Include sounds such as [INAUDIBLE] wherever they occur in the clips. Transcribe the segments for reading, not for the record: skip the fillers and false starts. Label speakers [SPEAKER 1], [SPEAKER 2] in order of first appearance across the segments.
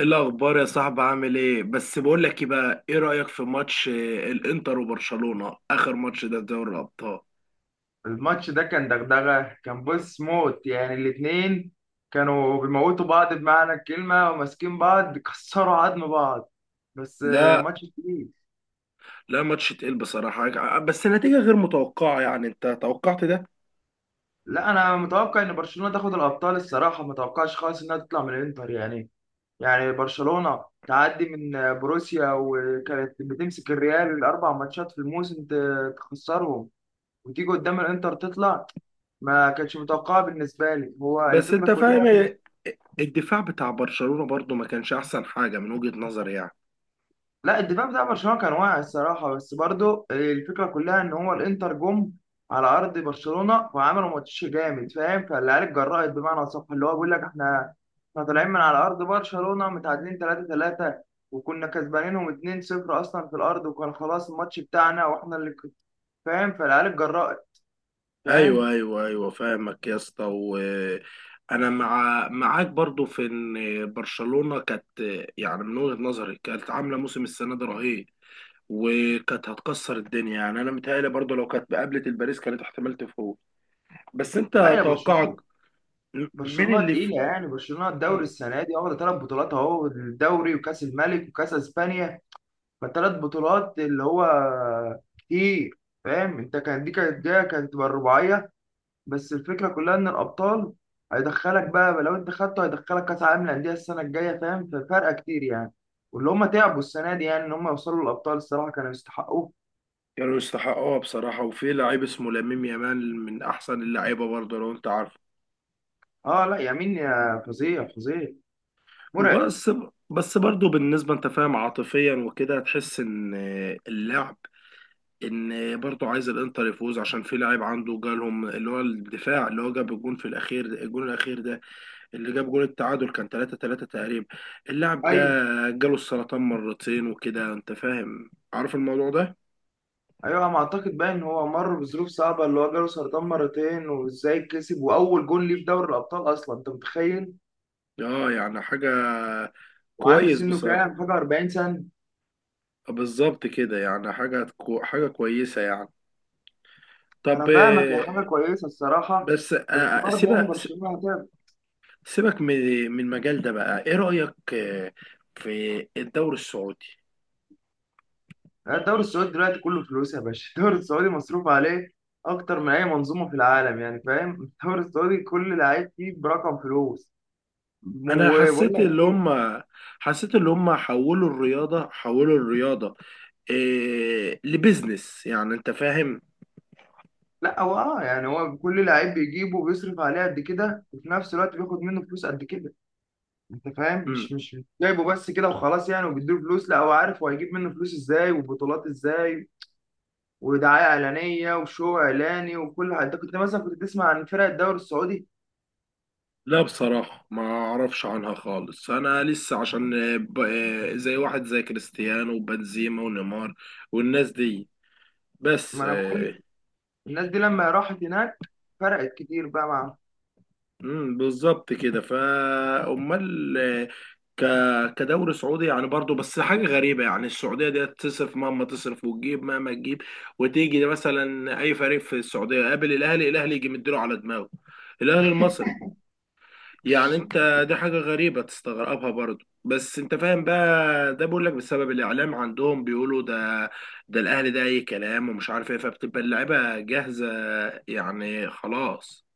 [SPEAKER 1] إيه الاخبار يا صاحبي؟ عامل ايه؟ بس بقول لك ايه بقى، ايه رايك في ماتش الانتر وبرشلونه، اخر ماتش ده في دوري الابطال؟
[SPEAKER 2] الماتش ده كان دغدغة، كان بص موت يعني. الاتنين كانوا بيموتوا بعض بمعنى الكلمة وماسكين بعض كسروا عظم بعض. بس
[SPEAKER 1] لا،
[SPEAKER 2] ماتش كبير.
[SPEAKER 1] لا ماتش تقيل بصراحه بس النتيجه غير متوقعه، يعني انت توقعت ده؟
[SPEAKER 2] لا، أنا متوقع إن برشلونة تاخد الأبطال الصراحة، ما توقعش خالص إنها تطلع من الإنتر يعني. يعني برشلونة تعدي من بروسيا وكانت بتمسك الريال الأربع ماتشات في الموسم تخسرهم، وتيجي قدام الإنتر تطلع. ما كانتش متوقعة بالنسبة لي هو
[SPEAKER 1] بس
[SPEAKER 2] الفكرة
[SPEAKER 1] انت
[SPEAKER 2] كلها.
[SPEAKER 1] فاهم الدفاع بتاع برشلونه برضو ما كانش احسن حاجه من وجهه نظري يعني.
[SPEAKER 2] لا، الدفاع بتاع برشلونة كان واعي الصراحة، بس برضو الفكرة كلها إن هو الإنتر جم على أرض برشلونة وعملوا ماتش جامد، فاهم؟ فالعيال اتجرأت بمعنى أصح، اللي هو بيقول لك إحنا طالعين من على أرض برشلونة متعادلين 3-3، وكنا كسبانينهم 2-0 أصلا في الأرض وكان خلاص الماتش بتاعنا وإحنا اللي فاهم؟ فالعيال اتجرأت،
[SPEAKER 1] ايوه
[SPEAKER 2] فاهم؟
[SPEAKER 1] ايوه ايوه، فاهمك يا اسطى، وانا معاك برضو في ان برشلونه كانت، يعني من وجهه نظري كانت عامله موسم السنه ده رهيب، وكانت هتكسر الدنيا. يعني انا متهيألي برضو لو كانت قابلت الباريس كانت احتمال تفوز. بس انت
[SPEAKER 2] لا يا
[SPEAKER 1] توقعك،
[SPEAKER 2] برشلونة،
[SPEAKER 1] مين
[SPEAKER 2] برشلونة
[SPEAKER 1] اللي في؟
[SPEAKER 2] تقيلة يعني. برشلونة الدوري
[SPEAKER 1] مم.
[SPEAKER 2] السنة دي واخدة ثلاث بطولات أهو، الدوري وكأس الملك وكأس إسبانيا، فالتلات بطولات اللي هو كتير، فاهم انت؟ كان دي كانت جايه كانت تبقى الرباعيه، بس الفكره كلها ان الابطال هيدخلك بقى لو انت خدته، هيدخلك كاس عالم للانديه السنه الجايه، فاهم؟ ففرقه كتير يعني، واللي هم تعبوا السنه دي يعني ان هم يوصلوا للابطال الصراحه كانوا يستحقوه.
[SPEAKER 1] كانوا يستحقوها بصراحة، وفي لعيب اسمه لامين يامال من احسن اللعيبة برضو لو انت عارف.
[SPEAKER 2] اه لا، يمين يا فظيع، فظيع، مرعب.
[SPEAKER 1] وبس، بس برضو بالنسبة انت فاهم، عاطفيا وكده تحس ان اللعب، ان برضو عايز الانتر يفوز عشان في لاعب عنده جالهم، اللي هو الدفاع اللي هو جاب الجون في الاخير ده، الجون الاخير ده اللي جاب جول التعادل، كان 3-3 تقريبا. اللاعب ده
[SPEAKER 2] ايوه
[SPEAKER 1] جاله السرطان مرتين وكده، انت فاهم عارف الموضوع ده؟
[SPEAKER 2] ايوه، انا اعتقد بقى ان هو مر بظروف صعبه، اللي هو جاله سرطان مرتين، وازاي كسب واول جون ليه في دوري الابطال اصلا، انت متخيل؟
[SPEAKER 1] اه يعني حاجة
[SPEAKER 2] وعنده
[SPEAKER 1] كويس
[SPEAKER 2] سنه
[SPEAKER 1] بصراحة.
[SPEAKER 2] كام حاجه؟ 40 سنه.
[SPEAKER 1] بالظبط كده، يعني حاجة حاجة كويسة يعني.
[SPEAKER 2] ما
[SPEAKER 1] طب
[SPEAKER 2] انا فاهمك، هي حاجه كويسه الصراحه،
[SPEAKER 1] بس
[SPEAKER 2] بس
[SPEAKER 1] آه،
[SPEAKER 2] برضه يعني
[SPEAKER 1] سيبك،
[SPEAKER 2] برشلونه هتعب.
[SPEAKER 1] سيبك من المجال ده بقى. ايه رأيك في الدوري السعودي؟
[SPEAKER 2] الدوري السعودي دلوقتي كله فلوس يا باشا [LAUGHS] الدوري السعودي مصروف عليه اكتر من اي منظومه في العالم يعني، فاهم؟ [LAUGHS] الدوري السعودي كل لعيب فيه برقم فلوس.
[SPEAKER 1] انا
[SPEAKER 2] وبقول لك ايه،
[SPEAKER 1] حسيت اللي هم حولوا الرياضة، حولوا الرياضة إيه لبزنس، يعني انت فاهم؟
[SPEAKER 2] لا هو اه يعني هو كل لعيب بيجيبه بيصرف عليه قد كده، وفي نفس الوقت بياخد منه فلوس قد كده، انت فاهم؟
[SPEAKER 1] مم.
[SPEAKER 2] مش جايبه بس كده وخلاص يعني وبيديله فلوس، لا هو عارف هو هيجيب منه فلوس ازاي وبطولات ازاي ودعايه اعلانيه وشو اعلاني وكل حاجه. انت كنت مثلا كنت تسمع عن فرق الدوري السعودي؟
[SPEAKER 1] لا بصراحة ما اعرفش عنها خالص، انا لسه عشان آه، ب... آه، زي واحد زي كريستيانو وبنزيما ونيمار والناس دي. بس
[SPEAKER 2] ما انا بقول
[SPEAKER 1] آه،
[SPEAKER 2] لك، الناس دي لما راحت هناك فرقت كتير بقى معاهم.
[SPEAKER 1] مم، بالظبط كده. فامال كدوري سعودي يعني برضو، بس حاجة غريبة يعني، السعودية دي تصرف مهما تصرف وتجيب مهما تجيب، وتيجي مثلا اي فريق في السعودية قابل الاهلي، الاهلي يجي مديله على دماغه، الاهلي المصري. يعني انت دي حاجة غريبة تستغربها برضو، بس انت فاهم بقى؟ ده بقول لك بسبب الاعلام عندهم، بيقولوا ده ده الاهلي، ده اي كلام ومش عارف ايه، فبتبقى اللعيبة جاهزة يعني، خلاص.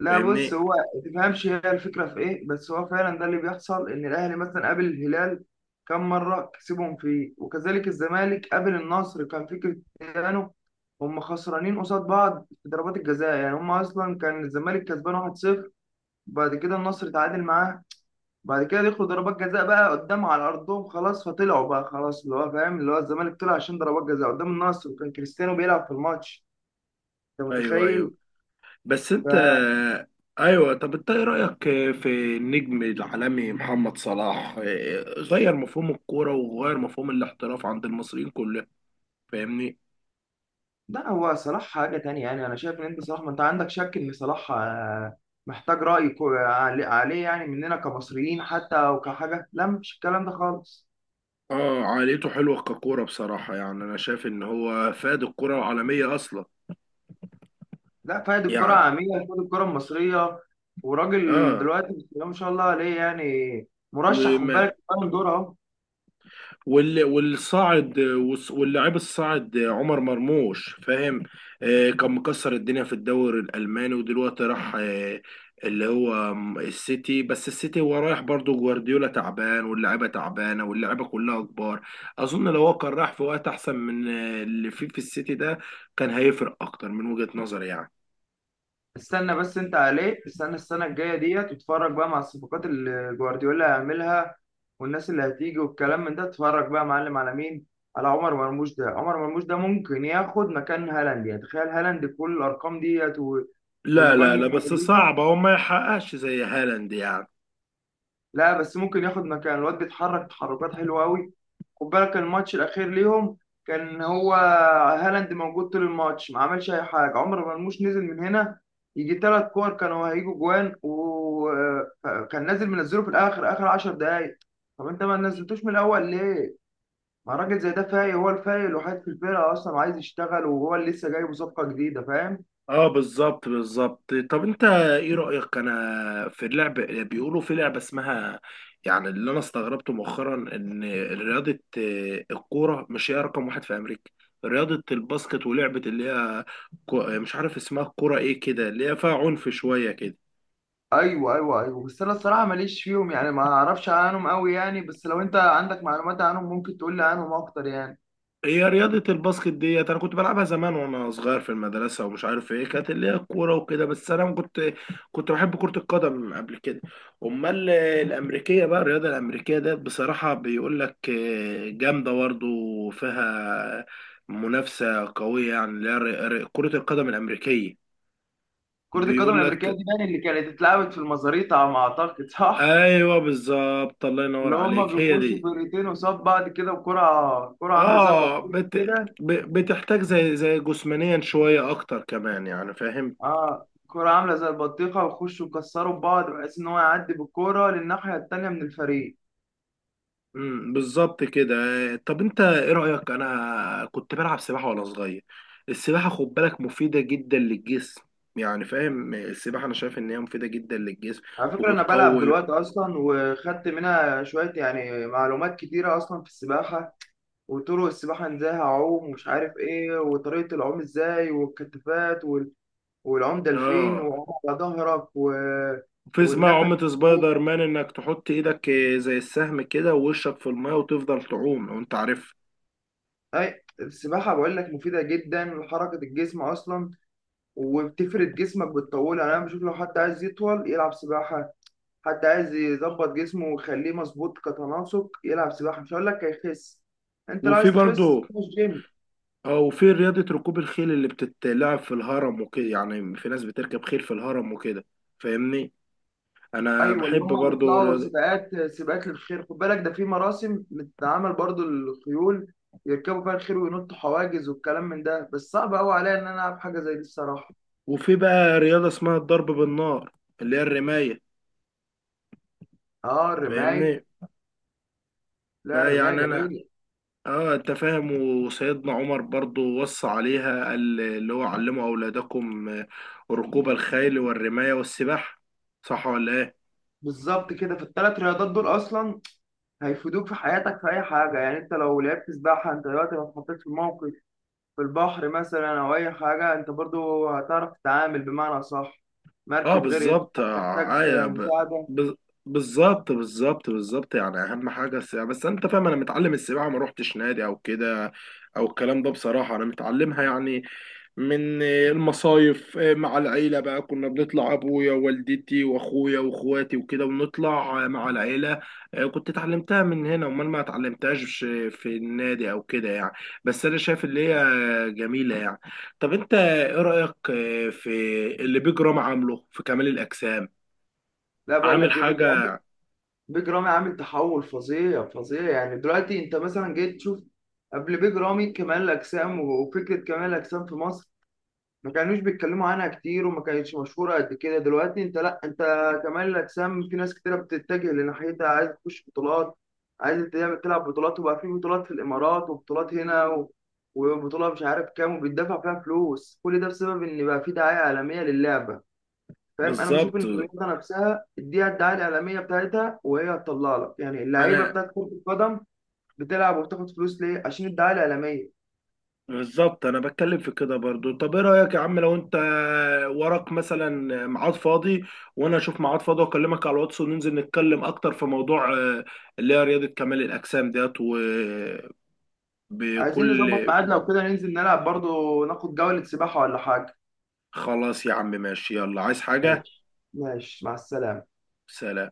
[SPEAKER 2] لا بص،
[SPEAKER 1] فاهمني؟
[SPEAKER 2] هو ما تفهمش هي الفكره في ايه، بس هو فعلا ده اللي بيحصل، ان الاهلي مثلا قابل الهلال كم مره كسبهم فيه، وكذلك الزمالك قابل النصر كان في كريستيانو، هم خسرانين قصاد بعض في ضربات الجزاء يعني. هم اصلا كان الزمالك كسبان 1-0، بعد كده النصر تعادل معاه، بعد كده دخلوا ضربات جزاء بقى قدام على ارضهم خلاص، فطلعوا بقى خلاص اللي هو فاهم، اللي هو الزمالك طلع عشان ضربات جزاء قدام النصر، وكان كريستيانو بيلعب في الماتش، انت
[SPEAKER 1] ايوه
[SPEAKER 2] متخيل؟
[SPEAKER 1] ايوه. بس
[SPEAKER 2] ف
[SPEAKER 1] انت، ايوه، طب انت ايه رأيك في النجم العالمي محمد صلاح؟ غير مفهوم الكورة وغير مفهوم الاحتراف عند المصريين كلهم، فاهمني؟
[SPEAKER 2] لا هو صلاح حاجه تانية يعني. انا شايف ان انت صلاح، ما انت عندك شك ان صلاح محتاج راي عليه يعني مننا كمصريين حتى، او كحاجه لا مفيش الكلام ده خالص.
[SPEAKER 1] اه، عائلته حلوة ككورة بصراحة، يعني انا شايف ان هو فاد الكرة العالمية اصلا
[SPEAKER 2] لا، فايد الكره
[SPEAKER 1] يعني.
[SPEAKER 2] عاميه، فايد الكره المصريه، وراجل
[SPEAKER 1] اه،
[SPEAKER 2] دلوقتي بسم الله ما شاء الله عليه يعني، مرشح خد
[SPEAKER 1] وما
[SPEAKER 2] بالك بالون دور اهو.
[SPEAKER 1] والصاعد واللاعب الصاعد عمر مرموش، فاهم؟ آه كان مكسر الدنيا في الدوري الالماني، ودلوقتي راح آه اللي هو السيتي. بس السيتي هو رايح برضه، جوارديولا تعبان واللعيبه تعبانه واللعيبه كلها كبار. اظن لو هو كان راح في وقت احسن من اللي فيه في السيتي ده، كان هيفرق اكتر من وجهة نظري يعني.
[SPEAKER 2] استنى بس انت عليه، استنى السنه الجايه ديت واتفرج بقى مع الصفقات اللي جوارديولا هيعملها والناس اللي هتيجي والكلام من ده. اتفرج بقى يا معلم على مين، على عمر مرموش. ده عمر مرموش ده ممكن ياخد مكان هالاند يعني، تخيل هالاند بكل الارقام ديت
[SPEAKER 1] لا
[SPEAKER 2] والاجوان
[SPEAKER 1] لا
[SPEAKER 2] اللي
[SPEAKER 1] لا،
[SPEAKER 2] كان
[SPEAKER 1] بس
[SPEAKER 2] بيجيبها.
[SPEAKER 1] صعب هو ما يحققش زي هالاند يعني.
[SPEAKER 2] لا بس ممكن ياخد مكان، الواد بيتحرك تحركات حلوه قوي. خد بالك الماتش الاخير ليهم، كان هو هالاند موجود طول الماتش ما عملش اي حاجه، عمر مرموش نزل من هنا، يجي ثلاث كور كانوا هيجوا جوان، وكان نازل منزله في الاخر اخر 10 دقايق. طب انت ما نزلتوش من الاول ليه؟ ما راجل زي ده فايق، هو الفايق الوحيد في الفرقه اصلا عايز يشتغل وهو اللي لسه جايب صفقه جديده، فاهم؟
[SPEAKER 1] اه بالظبط بالظبط. طب انت ايه رأيك انا في اللعب؟ بيقولوا في لعبة اسمها، يعني اللي انا استغربته مؤخرا ان رياضة الكورة مش هي رقم واحد في امريكا، رياضة الباسكت ولعبة اللي هي مش عارف اسمها، الكورة ايه كده اللي هي فيها عنف شوية كده.
[SPEAKER 2] ايوه ايوه ايوه، بس انا الصراحه ماليش فيهم يعني، ما اعرفش عنهم قوي يعني، بس لو انت عندك معلومات عنهم ممكن تقول لي عنهم اكتر يعني.
[SPEAKER 1] هي رياضة الباسكت ديت أنا كنت بلعبها زمان وأنا صغير في المدرسة، ومش عارف إيه كانت اللي هي الكورة وكده. بس أنا ما كنت كنت بحب كرة القدم قبل كده. أمال الأمريكية بقى، الرياضة الأمريكية ديت بصراحة بيقول لك جامدة برضه، فيها منافسة قوية يعني، اللي هي كرة القدم الأمريكية.
[SPEAKER 2] كرة القدم
[SPEAKER 1] بيقول
[SPEAKER 2] الأمريكية
[SPEAKER 1] لك
[SPEAKER 2] دي يعني اللي كانت اتلعبت في المزاريطة على ما أعتقد، صح؟
[SPEAKER 1] أيوه بالظبط، الله ينور
[SPEAKER 2] اللي هما
[SPEAKER 1] عليك، هي
[SPEAKER 2] بيخشوا
[SPEAKER 1] دي.
[SPEAKER 2] فرقتين قصاد بعض كده، وكرة عاملة زي
[SPEAKER 1] آه
[SPEAKER 2] البطيخة
[SPEAKER 1] بت
[SPEAKER 2] كده.
[SPEAKER 1] بتحتاج زي زي جسمانيا شوية أكتر كمان، يعني فاهم؟
[SPEAKER 2] اه كرة عاملة زي البطيخة، ويخشوا يكسروا بعض بحيث إن هو يعدي بالكرة للناحية التانية من الفريق.
[SPEAKER 1] بالظبط كده. طب انت ايه رأيك؟ انا كنت بلعب سباحة وانا صغير، السباحة خد بالك مفيدة جدا للجسم، يعني فاهم؟ السباحة انا شايف ان هي مفيدة جدا للجسم
[SPEAKER 2] على فكرة أنا بلعب
[SPEAKER 1] وبتقوي.
[SPEAKER 2] دلوقتي أصلا، وخدت منها شوية يعني معلومات كتيرة أصلا في السباحة، وطرق السباحة إزاي هعوم ومش عارف إيه، وطريقة العوم إزاي، والكتفات، والعمدة لفين،
[SPEAKER 1] اه،
[SPEAKER 2] وعلى ظهرك، و...
[SPEAKER 1] في اسمها
[SPEAKER 2] والنفس
[SPEAKER 1] عومة
[SPEAKER 2] إزاي.
[SPEAKER 1] سبايدر مان، انك تحط ايدك زي السهم كده ووشك في الماء وتفضل تعوم، لو انت عارف.
[SPEAKER 2] أي السباحة بقول لك مفيدة جدا لحركة الجسم أصلا، وبتفرد جسمك بتطوله يعني. أنا بشوف لو حد عايز يطول يلعب سباحة، حد عايز يظبط جسمه ويخليه مظبوط كتناسق يلعب سباحة، مش هقول لك هيخس، أنت لو
[SPEAKER 1] وفي
[SPEAKER 2] عايز تخس
[SPEAKER 1] برضو
[SPEAKER 2] روح الجيم.
[SPEAKER 1] اه، وفي رياضة ركوب الخيل اللي بتتلعب في الهرم وكده، يعني في ناس بتركب خيل في الهرم وكده، فاهمني؟ انا
[SPEAKER 2] ايوه، اللي
[SPEAKER 1] بحب
[SPEAKER 2] هم
[SPEAKER 1] برضو
[SPEAKER 2] بيطلعوا
[SPEAKER 1] رياضة،
[SPEAKER 2] سباقات، سباقات للخيل خد بالك، ده في مراسم بتتعمل برضو الخيول يركبوا فيها الخيل وينطوا حواجز والكلام من ده، بس صعب قوي عليا ان انا العب حاجه زي دي الصراحه.
[SPEAKER 1] وفي بقى رياضة اسمها الضرب بالنار اللي هي الرماية،
[SPEAKER 2] اه الرمايه،
[SPEAKER 1] فاهمني؟
[SPEAKER 2] لا
[SPEAKER 1] بقى
[SPEAKER 2] الرمايه
[SPEAKER 1] يعني انا،
[SPEAKER 2] جميله.
[SPEAKER 1] اه انت فاهم، وسيدنا عمر برضو وصى عليها، قال اللي هو علموا اولادكم ركوب الخيل والرماية والسباحة، صح ولا ايه؟
[SPEAKER 2] بالظبط كده، في الثلاث رياضات دول اصلا هيفيدوك في حياتك في اي حاجه يعني. انت لو لعبت سباحه، انت دلوقتي لو اتحطيت في موقف في البحر مثلا او اي حاجه، انت برضو هتعرف تتعامل بمعنى صح،
[SPEAKER 1] اه
[SPEAKER 2] مركب غرقت
[SPEAKER 1] بالظبط،
[SPEAKER 2] تحتاج
[SPEAKER 1] آه ايوه
[SPEAKER 2] مساعده.
[SPEAKER 1] ب... بالظبط بالظبط بالظبط، يعني اهم حاجه السباحه. بس انت فاهم، انا متعلم السباحه ما روحتش نادي او كده او الكلام ده، بصراحه انا متعلمها يعني من المصايف مع العيله، بقى كنا بنطلع ابويا ووالدتي واخويا واخواتي وكده، ونطلع مع العيله. كنت اتعلمتها من هنا، امال ما اتعلمتهاش في النادي او كده يعني. بس انا شايف اللي هي جميله يعني. طب انت ايه رأيك في اللي بيج رام عامله في كمال الأجسام؟
[SPEAKER 2] لا بقول
[SPEAKER 1] عامل
[SPEAKER 2] لك ايه
[SPEAKER 1] حاجة؟
[SPEAKER 2] بجد، بيج رامي عامل تحول فظيع، فظيع يعني. دلوقتي انت مثلا جيت تشوف قبل بيج رامي كمال الاجسام وفكره كمال الاجسام في مصر، ما كانوش بيتكلموا عنها كتير وما كانتش مشهوره قد كده. دلوقتي انت لا، انت كمال الاجسام في ناس كتيره بتتجه لناحيتها، عايز تخش بطولات، عايز تعمل تلعب بطولات، وبقى في بطولات في الامارات وبطولات هنا، و... وبطوله مش عارف كام وبيدفع فيها فلوس، كل ده بسبب ان بقى في دعايه عالميه للعبه، فاهم؟ انا بشوف ان
[SPEAKER 1] بالظبط،
[SPEAKER 2] الرياضه نفسها اديها الدعايه الاعلاميه بتاعتها وهي هتطلع لك، يعني اللعيبه
[SPEAKER 1] انا
[SPEAKER 2] بتاعت كره القدم بتلعب وبتاخد فلوس ليه؟ عشان الدعايه الاعلاميه.
[SPEAKER 1] بالظبط انا بتكلم في كده برضو. طب ايه رأيك يا عم، لو انت وراك مثلا ميعاد فاضي وانا اشوف ميعاد فاضي، واكلمك على الواتس وننزل نتكلم اكتر في موضوع اللي هي رياضة كمال الأجسام ديت، وبكل
[SPEAKER 2] عايزين نظبط ميعاد لو كده، ننزل نلعب برضو ناخد جوله سباحه ولا حاجه.
[SPEAKER 1] خلاص يا عم، ماشي، يلا. عايز حاجة؟
[SPEAKER 2] ماشي، ماشي، مع السلامه.
[SPEAKER 1] سلام.